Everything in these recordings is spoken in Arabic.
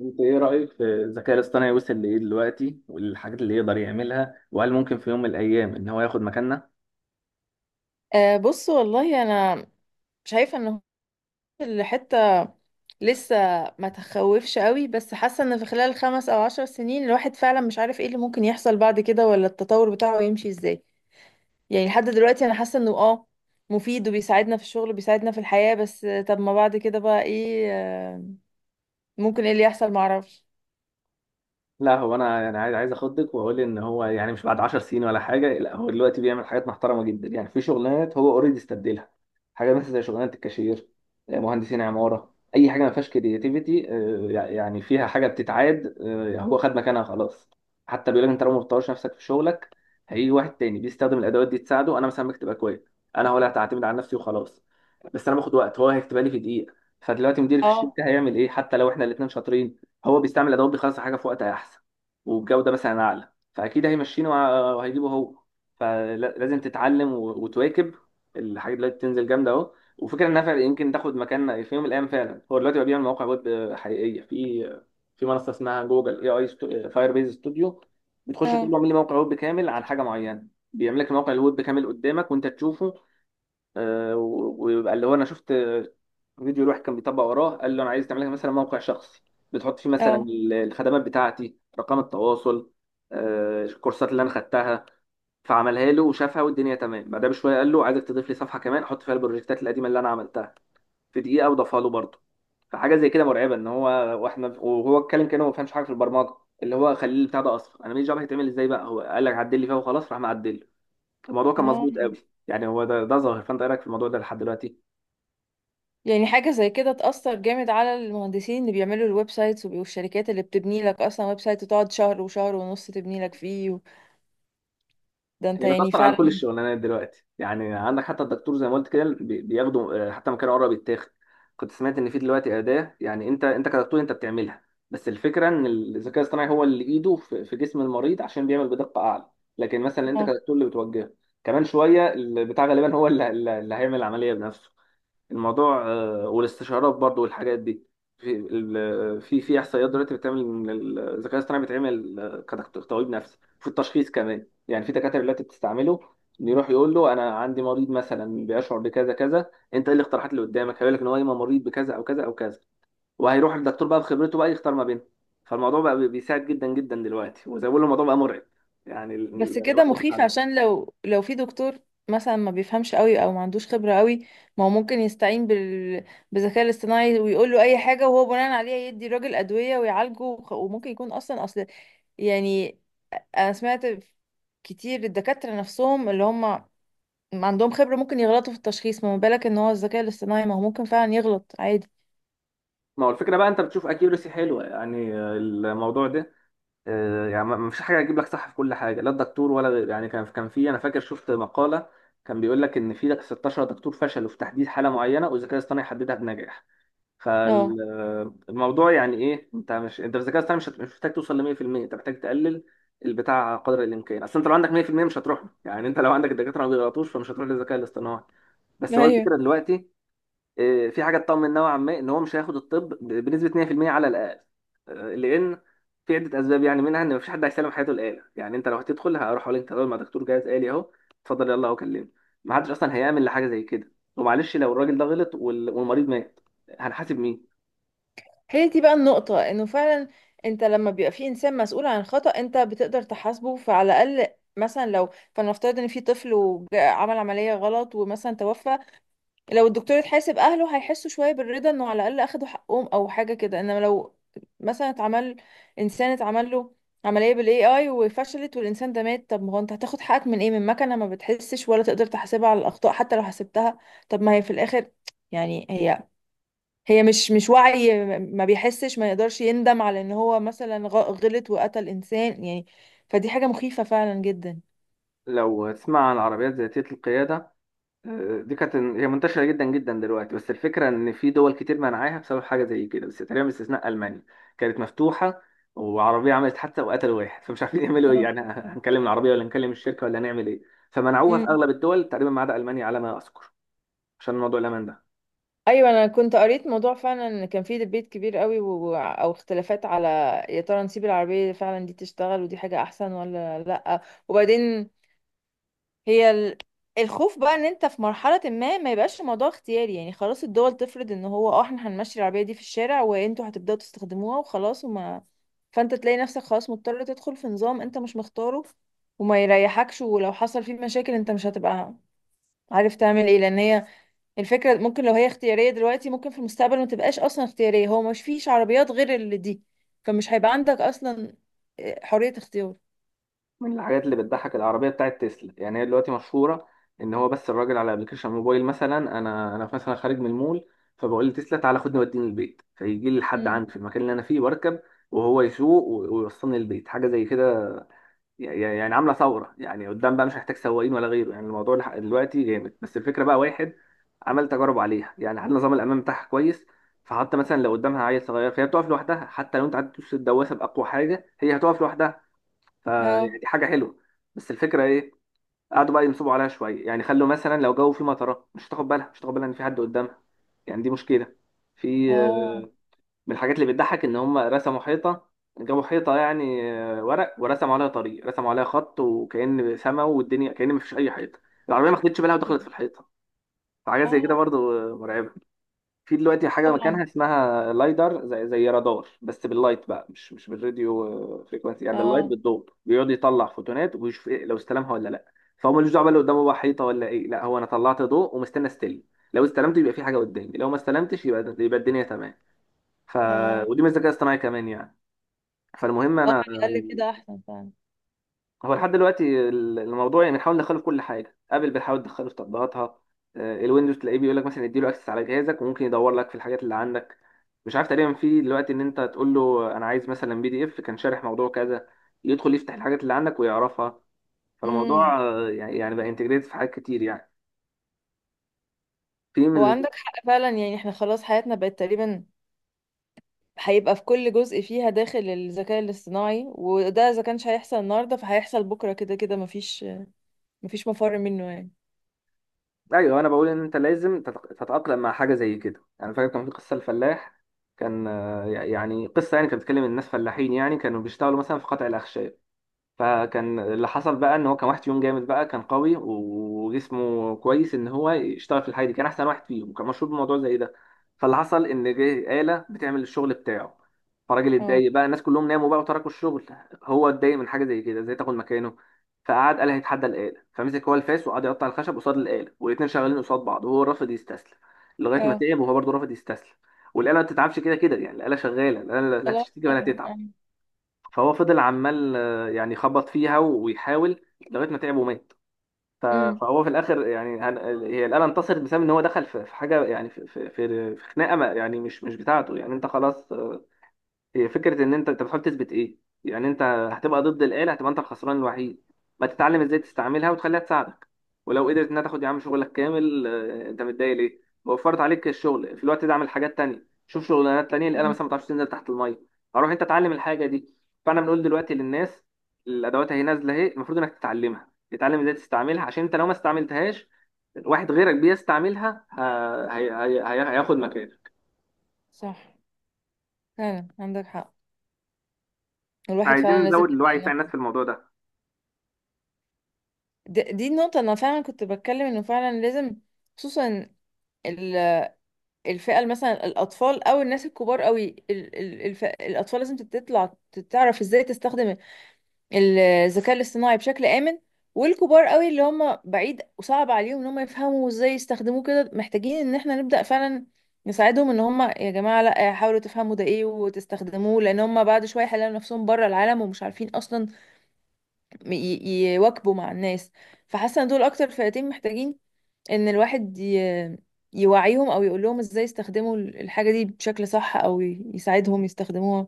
انت ايه رأيك في الذكاء الاصطناعي وصل لايه دلوقتي، والحاجات اللي يقدر يعملها، وهل ممكن في يوم من الايام ان هو ياخد مكاننا؟ أه، بص والله انا شايفه ان الحته لسه ما تخوفش قوي، بس حاسه ان في خلال 5 او 10 سنين الواحد فعلا مش عارف ايه اللي ممكن يحصل بعد كده، ولا التطور بتاعه يمشي ازاي. يعني لحد دلوقتي انا حاسه انه مفيد وبيساعدنا في الشغل وبيساعدنا في الحياه، بس طب ما بعد كده بقى ايه ممكن ايه اللي يحصل، معرفش. لا هو انا عايز اخدك، واقول ان هو يعني مش بعد 10 سنين ولا حاجه. لا هو دلوقتي بيعمل حاجات محترمه جدا، يعني في شغلانات هو اوريدي استبدلها. حاجه مثلا زي شغلانه الكاشير، مهندسين عماره، اي حاجه ما فيهاش كرياتيفيتي، يعني فيها حاجه بتتعاد. هو خد مكانها خلاص. حتى بيقول لك انت لو ما بتطورش نفسك في شغلك هيجي واحد تاني بيستخدم الادوات دي تساعده. انا مثلا بكتب اكواد، انا هو اللي هتعتمد على نفسي وخلاص، بس انا باخد وقت هو هيكتبها لي في دقيقه. فدلوقتي مديري في اه. الشركه هيعمل ايه؟ حتى لو احنا الاثنين شاطرين، هو بيستعمل ادوات بيخلص الحاجه في وقت احسن وبجوده مثلا اعلى، فاكيد هيمشينه وهيجيبه هو. فلازم تتعلم وتواكب. الحاجات دلوقتي بتنزل جامده اهو، وفكره انها فعلا يمكن تاخد مكان في يوم من الايام. فعلا هو دلوقتي بقى بيعمل مواقع ويب حقيقيه في منصه اسمها جوجل AI فاير بيز ستوديو. بتخش تقول له اه. اعمل لي موقع ويب كامل عن حاجه معينه، بيعمل لك الموقع الويب كامل قدامك وانت تشوفه. ويبقى اللي هو انا شفت فيديو الواحد كان بيطبق وراه، قال له انا عايز تعمل لك مثلا موقع شخصي، بتحط فيه مثلا اه. الخدمات بتاعتي، رقم التواصل، الكورسات اللي انا خدتها. فعملها له وشافها والدنيا تمام. بعدها بشويه قال له عايزك تضيف لي صفحه كمان احط فيها البروجكتات القديمه اللي انا عملتها، في دقيقه وضافها له برضه. فحاجه زي كده مرعبه، ان هو واحنا وهو اتكلم كانه ما بيفهمش حاجه في البرمجه، اللي هو خليه البتاع ده، اصلا انا ماليش دعوه هيتعمل ازاي، بقى هو قال لك عدل لي فيها وخلاص، راح معدل له. الموضوع كان اه. مظبوط قوي. يعني هو ده ظاهر. فانت إيه رايك في الموضوع ده لحد دلوقتي؟ يعني حاجة زي كده تأثر جامد على المهندسين اللي بيعملوا الويب سايتس والشركات اللي بتبني لك أصلا ويب سايت وتقعد شهر وشهر ونص تبني لك فيه. ده انت هي يعني بتأثر على كل فعلا. الشغلانات دلوقتي. يعني عندك حتى الدكتور، زي ما قلت كده، بياخدوا، حتى مكان قرب يتاخد. كنت سمعت ان في دلوقتي أداة، يعني انت كدكتور انت بتعملها، بس الفكرة ان الذكاء الاصطناعي هو اللي ايده في جسم المريض، عشان بيعمل بدقة اعلى. لكن مثلا انت اه، كدكتور اللي بتوجهه. كمان شوية البتاع غالبا هو اللي هيعمل العملية بنفسه، الموضوع والاستشارات برضو والحاجات دي. في في احصائيات دلوقتي بتعمل إن الذكاء الاصطناعي بيتعمل كدكتور طبيب نفسي في التشخيص كمان. يعني في دكاتره دلوقتي بتستعمله، إنه يروح يقول له انا عندي مريض مثلا بيشعر بكذا كذا، انت ايه الاقتراحات اللي قدامك؟ هيقول لك ان هو يا إما مريض بكذا او كذا او كذا، وهيروح الدكتور بقى بخبرته بقى يختار ما بينهم. فالموضوع بقى بيساعد جدا جدا دلوقتي، وزي ما بقول الموضوع بقى مرعب. يعني بس كده الواحد يخاف مخيف على نفسه. عشان لو في دكتور مثلا ما بيفهمش قوي او ما عندوش خبرة قوي، ما هو ممكن يستعين بالذكاء الاصطناعي ويقول له اي حاجة، وهو بناء عليها يدي الراجل أدوية ويعالجه، وممكن يكون اصلا يعني، انا سمعت كتير الدكاترة نفسهم اللي هم ما عندهم خبرة ممكن يغلطوا في التشخيص، ما بالك ان هو الذكاء الاصطناعي ما هو ممكن فعلا يغلط عادي. ما هو الفكره بقى انت بتشوف اكيورسي حلوه، يعني الموضوع ده، يعني ما فيش حاجه هتجيب لك صح في كل حاجه، لا الدكتور ولا غير. يعني كان في - انا فاكر شفت مقاله كان بيقول لك ان في 16 دكتور فشلوا في تحديد حاله معينه، والذكاء الاصطناعي حددها بنجاح. اه. فالموضوع يعني ايه؟ انت مش انت في الذكاء الاصطناعي، مش محتاج توصل ل 100%، انت محتاج تقلل البتاع قدر الامكان، اصل انت لو عندك 100% مش هتروح له. يعني انت لو عندك الدكاتره ما بيغلطوش فمش هتروح للذكاء الاصطناعي. بس هو ايوه، الفكره دلوقتي، في حاجه تطمن نوعا ما ان هو مش هياخد الطب بنسبه 100% على الاقل. لان في عده اسباب، يعني منها ان مفيش حد هيسلم حياته الاله. يعني انت لو هتدخل، هروح اقول انت تدخل مع دكتور جهاز آلي اهو، اتفضل يلا اهو كلمني. ما حدش اصلا هيعمل لحاجه زي كده. ومعلش لو الراجل ده غلط والمريض مات، هنحاسب مين؟ هي دي بقى النقطة، انه فعلا انت لما بيبقى في انسان مسؤول عن خطأ انت بتقدر تحاسبه، فعلى الاقل مثلا لو، فلنفترض ان في طفل وعمل عملية غلط ومثلا توفى، لو الدكتور اتحاسب اهله هيحسوا شويه بالرضا انه على الاقل اخدوا حقهم او حاجه كده. انما لو مثلا اتعمل انسان، اتعمل له عمليه بالاي اي وفشلت والانسان ده مات، طب ما هو انت هتاخد حقك من ايه، من مكنه ما بتحسش ولا تقدر تحاسبها على الاخطاء، حتى لو حسبتها. طب ما هي في الاخر، يعني هي مش وعي، ما بيحسش، ما يقدرش يندم على ان هو مثلا غلط وقتل انسان يعني. فدي حاجه مخيفه فعلا جدا. لو تسمع عن العربيات ذاتيه القياده، دي كانت هي منتشرة جدا جدا دلوقتي، بس الفكرة إن في دول كتير منعاها بسبب حاجة زي كده. بس تقريبا باستثناء ألمانيا كانت مفتوحة، وعربية عملت حادثة وقتلوا واحد فمش عارفين يعملوا إيه. آه. يعني هنكلم العربية ولا نكلم الشركة ولا هنعمل إيه؟ فمنعوها في مم. أغلب الدول تقريبا ما عدا ألمانيا على ما أذكر، عشان موضوع الأمان ده. ايوه انا كنت قريت موضوع فعلا ان كان فيه ديبيت كبير قوي او اختلافات على، يا ترى نسيب العربيه فعلا دي تشتغل ودي حاجه احسن ولا لا؟ وبعدين هي ال... الخوف بقى ان انت في مرحله ما، ما يبقاش الموضوع اختياري، يعني خلاص الدول تفرض ان هو، احنا هنمشي العربيه دي في الشارع وانتوا هتبداوا تستخدموها وخلاص، وما فانت تلاقي نفسك خلاص مضطر تدخل في نظام انت مش مختاره وما يريحكش، ولو حصل فيه مشاكل انت مش هتبقى عارف تعمل ايه، لان هي الفكرة، ممكن لو هي اختيارية دلوقتي ممكن في المستقبل ما تبقاش أصلا اختيارية، هو مش فيش عربيات غير اللي دي، فمش هيبقى عندك أصلا حرية اختيار. من الحاجات اللي بتضحك العربيه بتاعت تسلا، يعني هي دلوقتي مشهوره ان هو بس الراجل على ابلكيشن موبايل، مثلا انا مثلا خارج من المول، فبقول لتسلا تعالى خدني وديني البيت، فيجي لي لحد مم. عندي في المكان اللي انا فيه واركب وهو يسوق ويوصلني البيت. حاجه زي كده يعني عامله ثوره. يعني قدام بقى مش هحتاج سواقين ولا غيره. يعني الموضوع دلوقتي جامد. بس الفكره بقى واحد عمل تجارب عليها، يعني حل نظام الامان بتاعها كويس. فحتى مثلا لو قدامها عيل صغير فهي بتقف لوحدها، حتى لو انت قعدت تدوس الدواسه باقوى حاجه هي هتقف لوحدها. فدي اه. حاجه حلوه. بس الفكره ايه؟ قعدوا بقى ينصبوا عليها شويه، يعني خلوا مثلا لو جو فيه مطره، مش هتاخد بالها، مش هتاخد بالها ان في حد قدامها. يعني دي مشكله. في اه. آه، من الحاجات اللي بتضحك ان هم رسموا حيطه، جابوا حيطه يعني ورق، ورسموا عليها طريق، رسموا عليها خط، وكأن سما والدنيا، كأن مفيش اي حيطه. العربيه ما خدتش بالها ودخلت في الحيطه. فحاجات زي كده اه. برضو مرعبه. في دلوقتي حاجة مكانها طبعا. اسمها لايدر، زي رادار بس باللايت بقى، مش بالراديو فريكونسي. يعني باللايت اه. بالضوء بيقعد يطلع فوتونات ويشوف إيه، لو استلمها ولا لا. فهو ملوش دعوة بقى اللي قدامه بقى حيطة ولا ايه. لا هو انا طلعت ضوء ومستني استلم، لو استلمت يبقى في حاجة قدامي، لو ما استلمتش يبقى الدنيا تمام. ف اه. ودي من الذكاء الاصطناعي كمان يعني. فالمهم اه. انا، على الأقل كده أحسن فعلا. هو لحد دلوقتي الموضوع يعني بنحاول ندخله في كل حاجه. ابل بتحاول تدخله في تطبيقاتها، الويندوز تلاقيه بيقول لك مثلا اديله اكسس على جهازك وممكن يدور لك في الحاجات اللي عندك. مش عارف تقريبا في دلوقتي ان انت تقول له انا عايز مثلا PDF كان شارح موضوع كذا، يدخل يفتح الحاجات اللي عندك ويعرفها. امم. فالموضوع يعني بقى انتجريت في حاجات كتير يعني. في هو من عندك حق فعلا، يعني احنا خلاص حياتنا بقت تقريبا هيبقى في كل جزء فيها داخل الذكاء الاصطناعي، وده إذا كانش هيحصل النهاردة فهيحصل بكرة، كده كده مفيش مفر منه يعني. ايوه، انا بقول ان انت لازم تتاقلم مع حاجه زي كده. يعني فاكر كان في قصه الفلاح، كان يعني قصه يعني كانت بتتكلم إن الناس فلاحين، يعني كانوا بيشتغلوا مثلا في قطع الاخشاب. فكان اللي حصل بقى ان هو كان واحد فيهم جامد بقى، كان قوي وجسمه كويس ان هو يشتغل في الحاجه دي، كان احسن واحد فيهم وكان مشهور بموضوع زي ده. فاللي حصل ان جه آلة بتعمل الشغل بتاعه، فالراجل اه. اتضايق بقى. الناس كلهم ناموا بقى وتركوا الشغل. هو اتضايق من حاجه زي كده، ازاي تاخد مكانه؟ فقعد قال هيتحدى الآلة. فمسك هو الفاس وقعد يقطع الخشب قصاد الآلة، والاتنين شغالين قصاد بعض، وهو رافض يستسلم لغايه ما اه. تعب. وهو برضه رافض يستسلم، والآلة ما بتتعبش كده كده. يعني الآلة شغاله، الآلة لا خلاص هتشتكي ولا طبعا. اه. هتتعب. فهو فضل عمال يعني يخبط فيها ويحاول لغايه ما تعب ومات. ف- امم. فهو في الاخر يعني، هي الاله انتصرت، بسبب ان هو دخل في حاجه، يعني في في خناقه يعني مش بتاعته. يعني انت خلاص، هي فكره ان انت بتحاول تثبت ايه. يعني انت هتبقى ضد الاله، هتبقى انت الخسران الوحيد. ما تتعلم ازاي تستعملها وتخليها تساعدك. ولو قدرت انها تاخد يا عم شغلك كامل، انت متضايق ليه؟ وفرت عليك الشغل. في الوقت ده اعمل حاجات تانية، شوف شغلانات تانية. الاله مم. مثلا ما تعرفش تنزل تحت الميه، فروح انت اتعلم الحاجه دي. فاحنا بنقول دلوقتي للناس، الادوات اهي نازله اهي، المفروض انك تتعلمها، تتعلم ازاي تستعملها، عشان انت لو ما استعملتهاش واحد غيرك بيستعملها هياخد مكانك. صح، فعلا عندك حق، احنا الواحد عايزين فعلا لازم نزود الوعي يبدأ بتاع الناس إنه- في الموضوع ده. دي النقطة، أنا فعلا كنت بتكلم إنه فعلا لازم، خصوصا ال- الفئة مثلا الأطفال أو الناس الكبار قوي، الأطفال لازم تطلع تعرف إزاي تستخدم الذكاء الاصطناعي بشكل آمن، والكبار قوي اللي هم بعيد وصعب عليهم إن هم يفهموا إزاي يستخدموه كده، محتاجين إن إحنا نبدأ فعلا نساعدهم، ان هم يا جماعه لا، حاولوا تفهموا ده ايه وتستخدموه، لان هم بعد شويه هيلاقوا نفسهم بره العالم ومش عارفين اصلا م- ي- يواكبوا مع الناس. فحاسه ان دول اكتر فئتين محتاجين ان الواحد يوعيهم او يقول لهم ازاي يستخدموا الحاجه دي بشكل صح، او يساعدهم يستخدموها.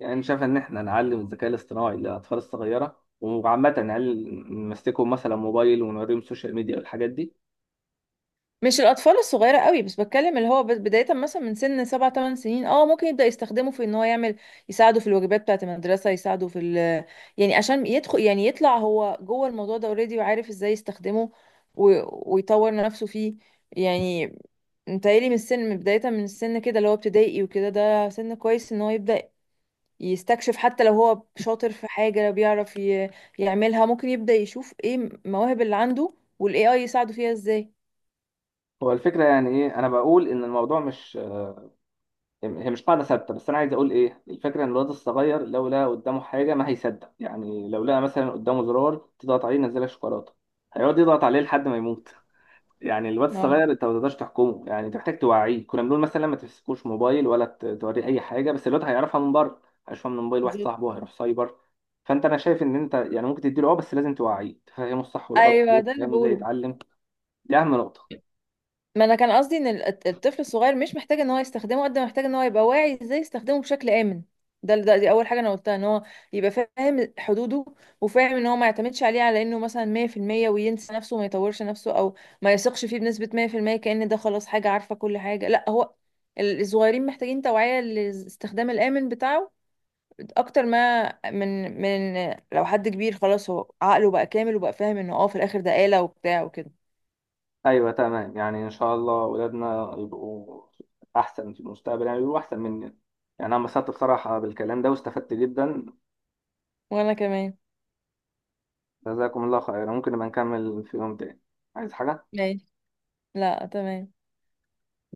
يعني أنا شايف إن إحنا نعلم الذكاء الاصطناعي للأطفال الصغيرة، وعامة نعلم نمسكهم مثلا موبايل، ونوريهم السوشيال ميديا والحاجات دي. مش الاطفال الصغيره قوي بس، بتكلم اللي هو بدايه مثلا من سن 7 8 سنين، ممكن يبدا يستخدمه في ان هو يعمل، يساعده في الواجبات بتاعه المدرسه، يعني عشان يدخل، يعني يطلع هو جوه الموضوع ده اوريدي وعارف ازاي يستخدمه و... ويطور نفسه فيه. يعني متهيألي من السن، بداية من السن كده اللي هو ابتدائي وكده، ده سن كويس ان هو يبدأ يستكشف، حتى لو هو شاطر في حاجة بيعرف يعملها، ممكن يبدأ يشوف ايه المواهب اللي عنده والاي اي يساعده فيها ازاي. هو الفكرة يعني إيه؟ أنا بقول إن الموضوع مش، هي مش قاعدة ثابتة، بس أنا عايز أقول إيه الفكرة. إن الواد الصغير لو لقى قدامه حاجة ما هيصدق، يعني لو لقى مثلا قدامه زرار تضغط عليه ينزلك شوكولاتة هيقعد يضغط عليه لحد ما يموت. يعني الواد اه، الصغير انت ما تقدرش تحكمه، يعني انت محتاج توعيه. كنا بنقول مثلا ما تمسكوش موبايل ولا توريه اي حاجه، بس الواد هيعرفها من بره. هيشوفها من موبايل واحد بالظبط. صاحبه، هيروح سايبر. فانت انا شايف ان انت يعني ممكن تديله، اه، بس لازم توعيه، تفهمه الصح والغلط ايوه ليه، ده اللي تفهمه ازاي بقوله، يتعلم. دي اهم نقطه. ما انا كان قصدي ان الطفل الصغير مش محتاج ان هو يستخدمه قد ما محتاج ان هو يبقى واعي ازاي يستخدمه بشكل امن. ده ده دي اول حاجه انا قلتها، ان هو يبقى فاهم حدوده وفاهم ان هو ما يعتمدش عليه على انه مثلا 100% وينسى نفسه وما يطورش نفسه، او ما يثقش فيه بنسبه 100% كأن ده خلاص حاجه عارفه كل حاجه. لا، هو الصغيرين محتاجين توعيه للاستخدام الامن بتاعه اكتر ما من لو حد كبير خلاص هو عقله بقى كامل وبقى فاهم انه في الاخر ده آلة وبتاع وكده. ايوه تمام. يعني ان شاء الله ولادنا يبقوا احسن في المستقبل، يعني يبقوا احسن مننا. يعني انا انبسطت بصراحه بالكلام ده واستفدت جدا. وانا كمان. جزاكم الله خيرا، ممكن نبقى نكمل في يوم تاني. عايز حاجه؟ ماشي. لا، تمام.